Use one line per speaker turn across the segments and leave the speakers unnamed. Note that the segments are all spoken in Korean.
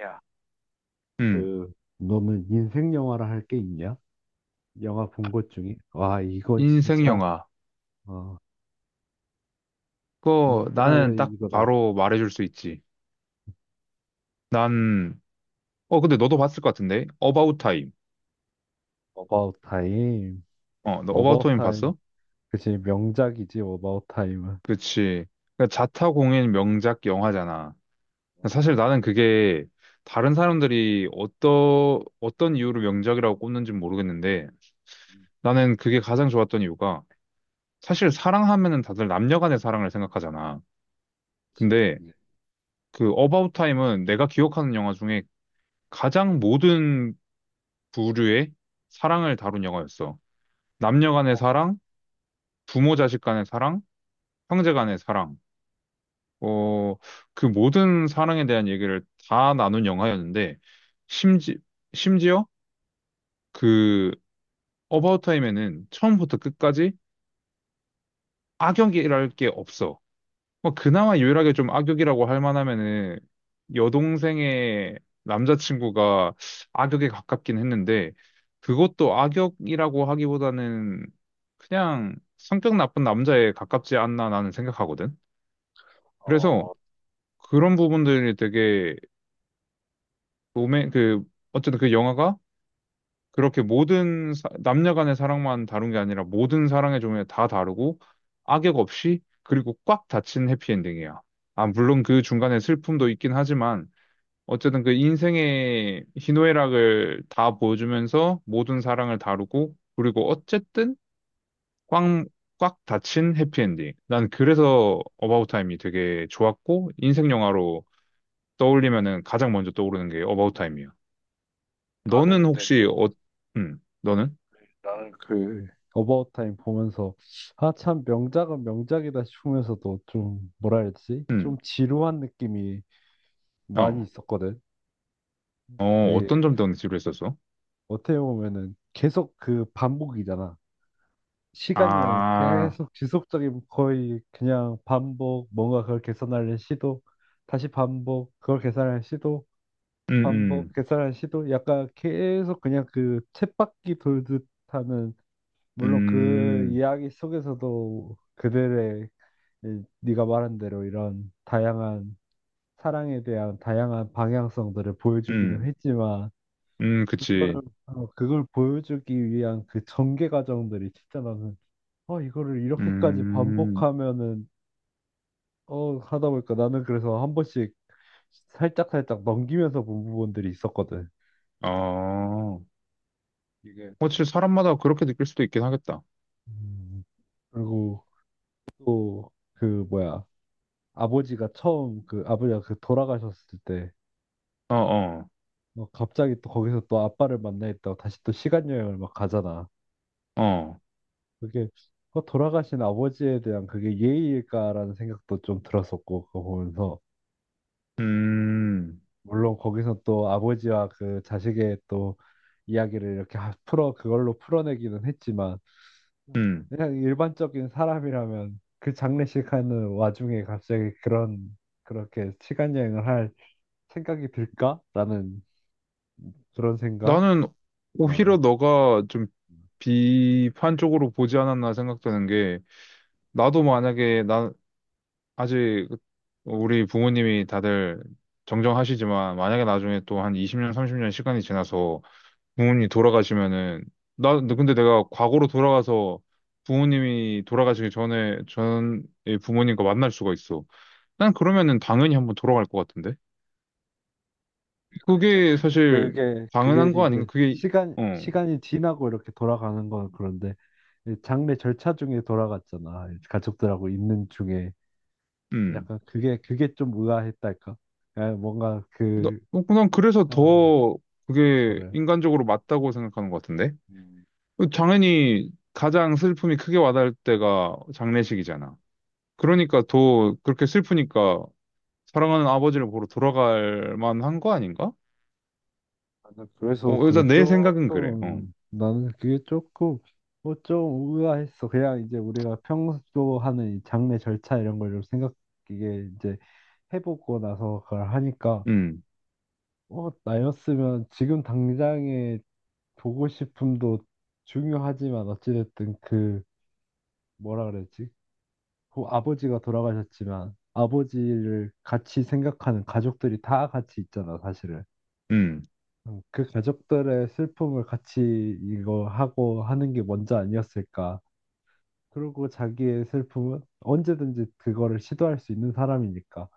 야,
음,
그, 너는 인생 영화라 할 게 있냐? 영화 본 것 중에? 와, 이거
인생
진짜,
영화.
어,
그거
진짜
나는 딱
이거다.
바로 말해줄 수 있지. 난, 근데 너도 봤을 것 같은데? About Time.
어바웃 타임.
너 About
어바웃
Time
타임.
봤어?
그치, 명작이지, 어바웃 타임은.
그치. 그러니까 자타공인 명작 영화잖아. 사실 나는 그게 다른 사람들이 어떤 이유로 명작이라고 꼽는지 모르겠는데 나는 그게 가장 좋았던 이유가 사실 사랑하면은 다들 남녀 간의 사랑을 생각하잖아.
그치.
근데
그치.
그 About Time은 내가 기억하는 영화 중에 가장 모든 부류의 사랑을 다룬 영화였어. 남녀 간의
어,
사랑, 부모 자식 간의 사랑, 형제 간의 사랑. 어, 그 모든 사랑에 대한 얘기를 다 나눈 영화였는데 심지 심지어 그 어바웃 타임에는 처음부터 끝까지 악역이랄 게 없어. 뭐 그나마 유일하게 좀 악역이라고 할 만하면은 여동생의 남자친구가 악역에 가깝긴 했는데 그것도 악역이라고 하기보다는 그냥 성격 나쁜 나남자에 가깝지 않나 나는 생각하거든. 그래서
어,
그런 부분들이 되게 로맨 그 어쨌든 그 영화가 그렇게 모든 남녀 간의 사랑만 다룬 게 아니라 모든 사랑의 종류 다 다루고 악역 없이 그리고 꽉 닫힌 해피엔딩이야. 아, 물론 그 중간에 슬픔도 있긴 하지만 어쨌든 그 인생의 희노애락을 다 보여주면서 모든 사랑을 다루고 그리고 어쨌든 꽉 꽉 닫힌 해피엔딩. 난 그래서 어바웃 타임이 되게 좋았고 인생 영화로 떠올리면은 가장 먼저 떠오르는 게 어바웃 타임이야. 너는
나는 근데
혹시 너는?
나는 그 어바웃 타임 보면서, 아, 참, 명작은 명작이다 싶으면서도 좀, 뭐라 해야지? 좀
음,
지루한 느낌이
어,
많이 있었거든. 이
어떤 점 때문에 지루했었어?
어떻게 보면은 계속 그 반복이잖아. 시간 여행
아,
계속 지속적인 거의 그냥 반복, 뭔가 그걸 개선하려는 시도, 다시 반복, 그걸 개선하는 시도,
음,
반복,
음,
개선하는 시도, 약간 계속 그냥 그 쳇바퀴 돌듯 하는. 물론 그
음,
이야기 속에서도 네가 말한 대로 이런 다양한, 사랑에 대한 다양한 방향성들을 보여주기는
음,
했지만,
그치.
그걸 보여주기 위한 그 전개 과정들이 진짜, 이거를 이렇게까지
음,
반복하면은, 하다 보니까 나는 그래서 한 번씩 살짝살짝 넘기면서 본 부분들이 있었거든.
어.
이게. 좀-
그렇지, 사람마다 그렇게 느낄 수도 있긴 하겠다.
음, 그리고 또, 뭐야, 아버지가 그 돌아가셨을 때,
어, 어,
갑자기 또 거기서 또 아빠를 만나있다고 다시 또 시간여행을 막 가잖아.
어.
그게, 돌아가신 아버지에 대한 그게 예의일까라는 생각도 좀 들었었고, 그거 보면서.
음,
물론 거기서 또 아버지와 그 자식의 또 이야기를 이렇게 하- 풀어 그걸로 풀어내기는 했지만,
음.
그냥 일반적인 사람이라면 그 장례식 하는 와중에 갑자기 그런 그렇게 시간 여행을 할 생각이 들까라는 그런 생각.
나는 오히려
어.
너가 좀 비판적으로 보지 않았나 생각되는 게, 나도 만약에, 아직 우리 부모님이 다들 정정하시지만, 만약에 나중에 또 한 20년, 30년 시간이 지나서 부모님이 돌아가시면은, 근데 내가 과거로 돌아가서 부모님이 돌아가시기 전에 부모님과 만날 수가 있어. 난 그러면은 당연히 한번 돌아갈 것 같은데.
이제
그게 사실
그게
당연한 거 아닌가?
이제
그게
시간
어,
시간이 지나고 이렇게 돌아가는 건 그런데, 이 장례 절차 중에 돌아갔잖아. 가족들하고 있는 중에
음.
약간 그게 좀 의아했달까? 그 뭔가 그
난 그래서
어,
더 그게
그래.
인간적으로 맞다고 생각하는 것 같은데.
음,
어, 당연히 가장 슬픔이 크게 와닿을 때가 장례식이잖아. 그러니까 더 그렇게 슬프니까 사랑하는 아버지를 보러 돌아갈 만한 거 아닌가? 어, 일단 내 생각은 그래. 어,
나는 그게 조금 뭐좀 의아했어. 그냥 이제 우리가 평소 하는 이 장례 절차 이런 걸 좀 생각, 이게 이제 해보고 나서 그걸 하니까.
음,
나였으면 지금 당장의 보고 싶음도 중요하지만, 어찌됐든 뭐라 그랬지? 그 아버지가 돌아가셨지만 아버지를 같이 생각하는 가족들이 다 같이 있잖아, 사실은.
음.
그 가족들의 슬픔을 같이 이거 하고 하는 게 먼저 아니었을까. 그리고 자기의 슬픔은 언제든지 그거를 시도할 수 있는 사람이니까,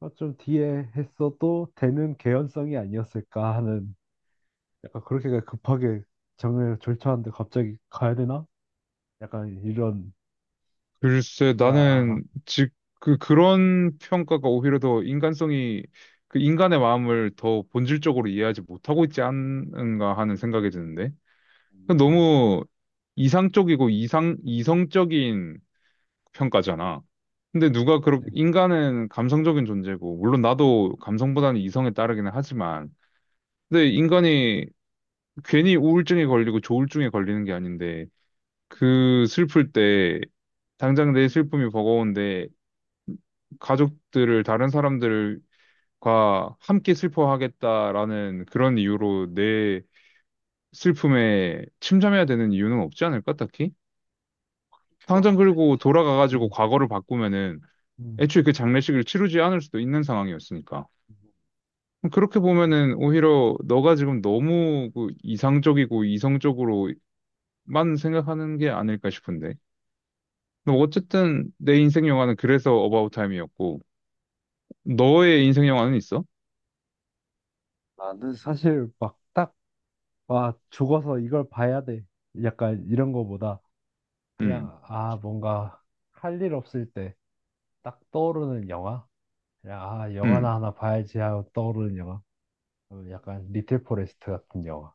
좀 뒤에 했어도 되는 개연성이 아니었을까 하는. 약간 그렇게 급하게 정을 졸차는데 갑자기 가야 되나? 약간 이런
글쎄,
야.
나는 즉 그런 평가가 오히려 더 인간성이 그 인간의 마음을 더 본질적으로 이해하지 못하고 있지 않은가 하는 생각이 드는데. 그
음, 음.
너무 이상적이고 이상 이성적인 평가잖아. 근데 누가 그렇게 인간은 감성적인 존재고 물론 나도 감성보다는 이성에 따르기는 하지만 근데 인간이 괜히 우울증에 걸리고 조울증에 걸리는 게 아닌데 그 슬플 때 당장 내 슬픔이 버거운데 가족들을 다른 사람들과 함께 슬퍼하겠다라는 그런 이유로 내 슬픔에 침잠해야 되는 이유는 없지 않을까, 딱히?
그렇게 볼
당장
수도 있지.
그리고 돌아가가지고
음,
과거를 바꾸면은
음.
애초에 그 장례식을 치르지 않을 수도 있는 상황이었으니까. 그렇게 보면은 오히려 너가 지금 너무 그 이상적이고 이성적으로만 생각하는 게 아닐까 싶은데. 뭐 어쨌든 내 인생 영화는 그래서 어바웃 타임이었고 너의 인생 영화는 있어?
나는 사실 막 딱, 와, 죽어서 이걸 봐야 돼. 약간 이런 거보다
음.
그냥, 아, 뭔가 할 일 없을 때 딱 떠오르는 영화? 그냥, 아,
음.
영화나 하나 봐야지 하고 떠오르는 영화? 약간 리틀 포레스트 같은 영화.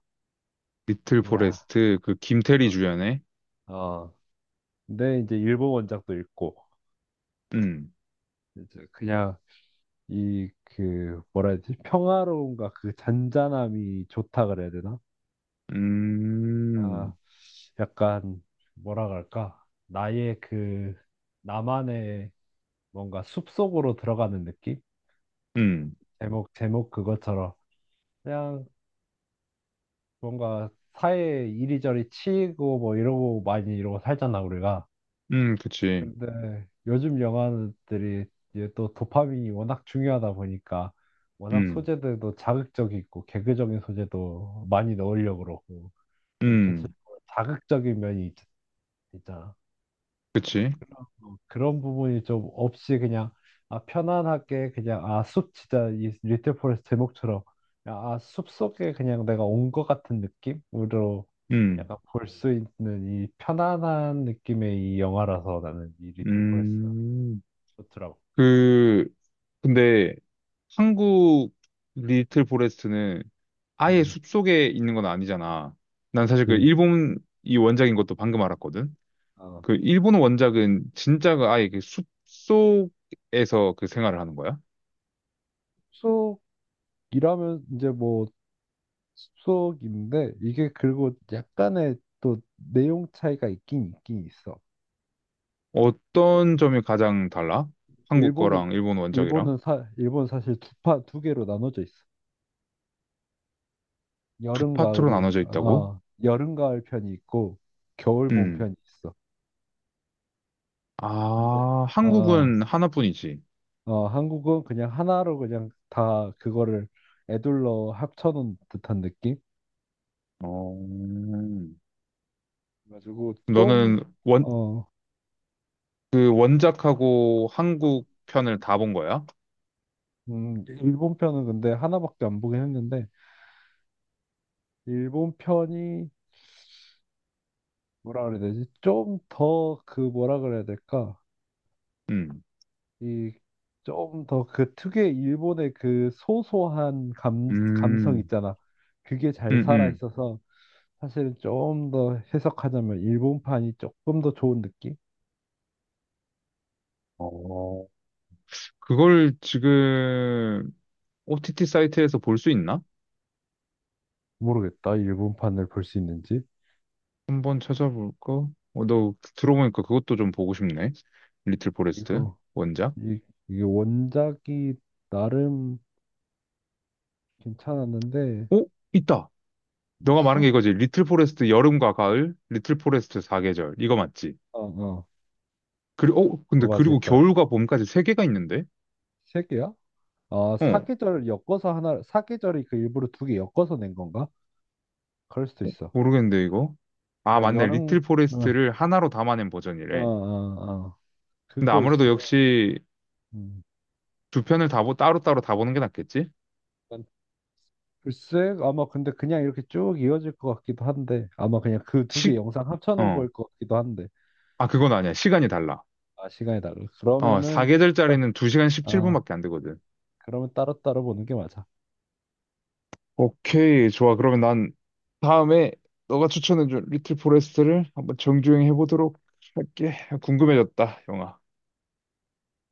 리틀
그냥,
포레스트 그 김태리
어,
주연의
어. 근데 이제 일본 원작도 읽고,
음.
이제 그냥 뭐라 해야 되지? 평화로움과 그 잔잔함이 좋다 그래야 되나? 아,
음.
약간 뭐라 그럴까? 나의 그 나만의, 뭔가 숲속으로 들어가는 느낌?
음.
제목 그것처럼, 그냥 뭔가 사회 이리저리 치이고 뭐 이러고 많이 이러고 살잖아 우리가.
그치.
근데 요즘 영화들이 이제 또 도파민이 워낙 중요하다 보니까 워낙
음.
소재들도 자극적이고 개그적인 소재도 많이 넣으려고 그러고, 좀
음.
전체적으로 자극적인 면이 있, 잖아.
그치.
그런 부분이 좀 없이 그냥, 아 편안하게, 그냥 아 숲 진짜 이 리틀 포레스트 제목처럼 아숲 속에 그냥 내가 온 것 같은 느낌으로
음.
약간 볼 수 있는, 이 편안한 느낌의 이 영화라서 나는 이 리틀 포레스트가
음.
좋더라고.
그 근데 한국 리틀 포레스트는 아예
음.
숲속에 있는 건 아니잖아. 난 사실 그
그치.
일본 이 원작인 것도 방금 알았거든.
어,
그 일본 원작은 진짜가 아예 그 숲속에서 그 생활을 하는 거야?
숲속이라면, 이제 뭐 숲속인데, 이게, 그리고 약간의 또 내용 차이가 있긴 있긴 있어.
어떤 점이 가장 달라? 한국
일본은
거랑 일본 원작이랑?
일본은 사 일본 사실 두 개로 나눠져 있어.
두 파트로 나눠져 있다고?
여름 가을 편이 있고, 겨울 봄
음.
편이 있어. 근데
아,
어,
한국은 하나뿐이지.
한국은 그냥 하나로 그냥 다 그거를 애둘러 합쳐놓은 듯한 느낌?
어.
가지고 좀.
너는 원,
어,
그 원작하고 한국 편을 다 본 거야?
일본 편은 근데 하나밖에 안 보긴 했는데, 일본 편이, 뭐라 그래야 되지? 좀 더 그, 뭐라 그래야 될까?
음.
이 좀 더 그 특유의 일본의 그 소소한 감성
음.
있잖아. 그게 잘
음,
살아
음.
있어서, 사실은 좀 더 해석하자면 일본판이 조금 더 좋은 느낌?
어. 그걸 지금 OTT 사이트에서 볼 수 있나?
모르겠다, 일본판을 볼 수 있는지.
한번 찾아볼까? 어, 너 들어보니까 그것도 좀 보고 싶네. 리틀 포레스트
이거
원작.
이, 이게 원작이 나름 괜찮았는데.
오, 있다. 너가 말한
있어?
게 이거지. 리틀 포레스트 여름과 가을, 리틀 포레스트 사계절. 이거 맞지?
어, 어.
그리고, 어, 근데
그거 맞을
그리고
거야.
겨울과 봄까지 세 개가 있는데?
세 개야? 아,
어,
사계절 엮어서 하나, 사계절이 그 일부러 두 개 엮어서 낸 건가? 그럴 수도 있어.
모르겠는데, 이거? 아,
그러니까
맞네.
여름.
리틀
어.
포레스트를 하나로 담아낸
어,
버전이래.
어, 어.
근데
그거
아무래도
있으면,
역시
음.
두 편을 다, 따로따로 다 보는 게 낫겠지?
난 글쎄, 아마 근데 그냥 이렇게 쭉 이어질 것 같기도 한데, 아마 그냥 그 두 개
시,
영상 합쳐놓은
어.
걸 것 같기도 한데,
아, 그건 아니야. 시간이 달라.
아, 시간이 달라.
어,
그러면은,
사계절짜리는 2시간
아,
17분밖에 안 되거든.
그러면 따로따로 보는 게 맞아.
오케이. 좋아. 그러면 난 다음에 너가 추천해준 리틀 포레스트를 한번 정주행 해보도록 할게. 궁금해졌다, 영화.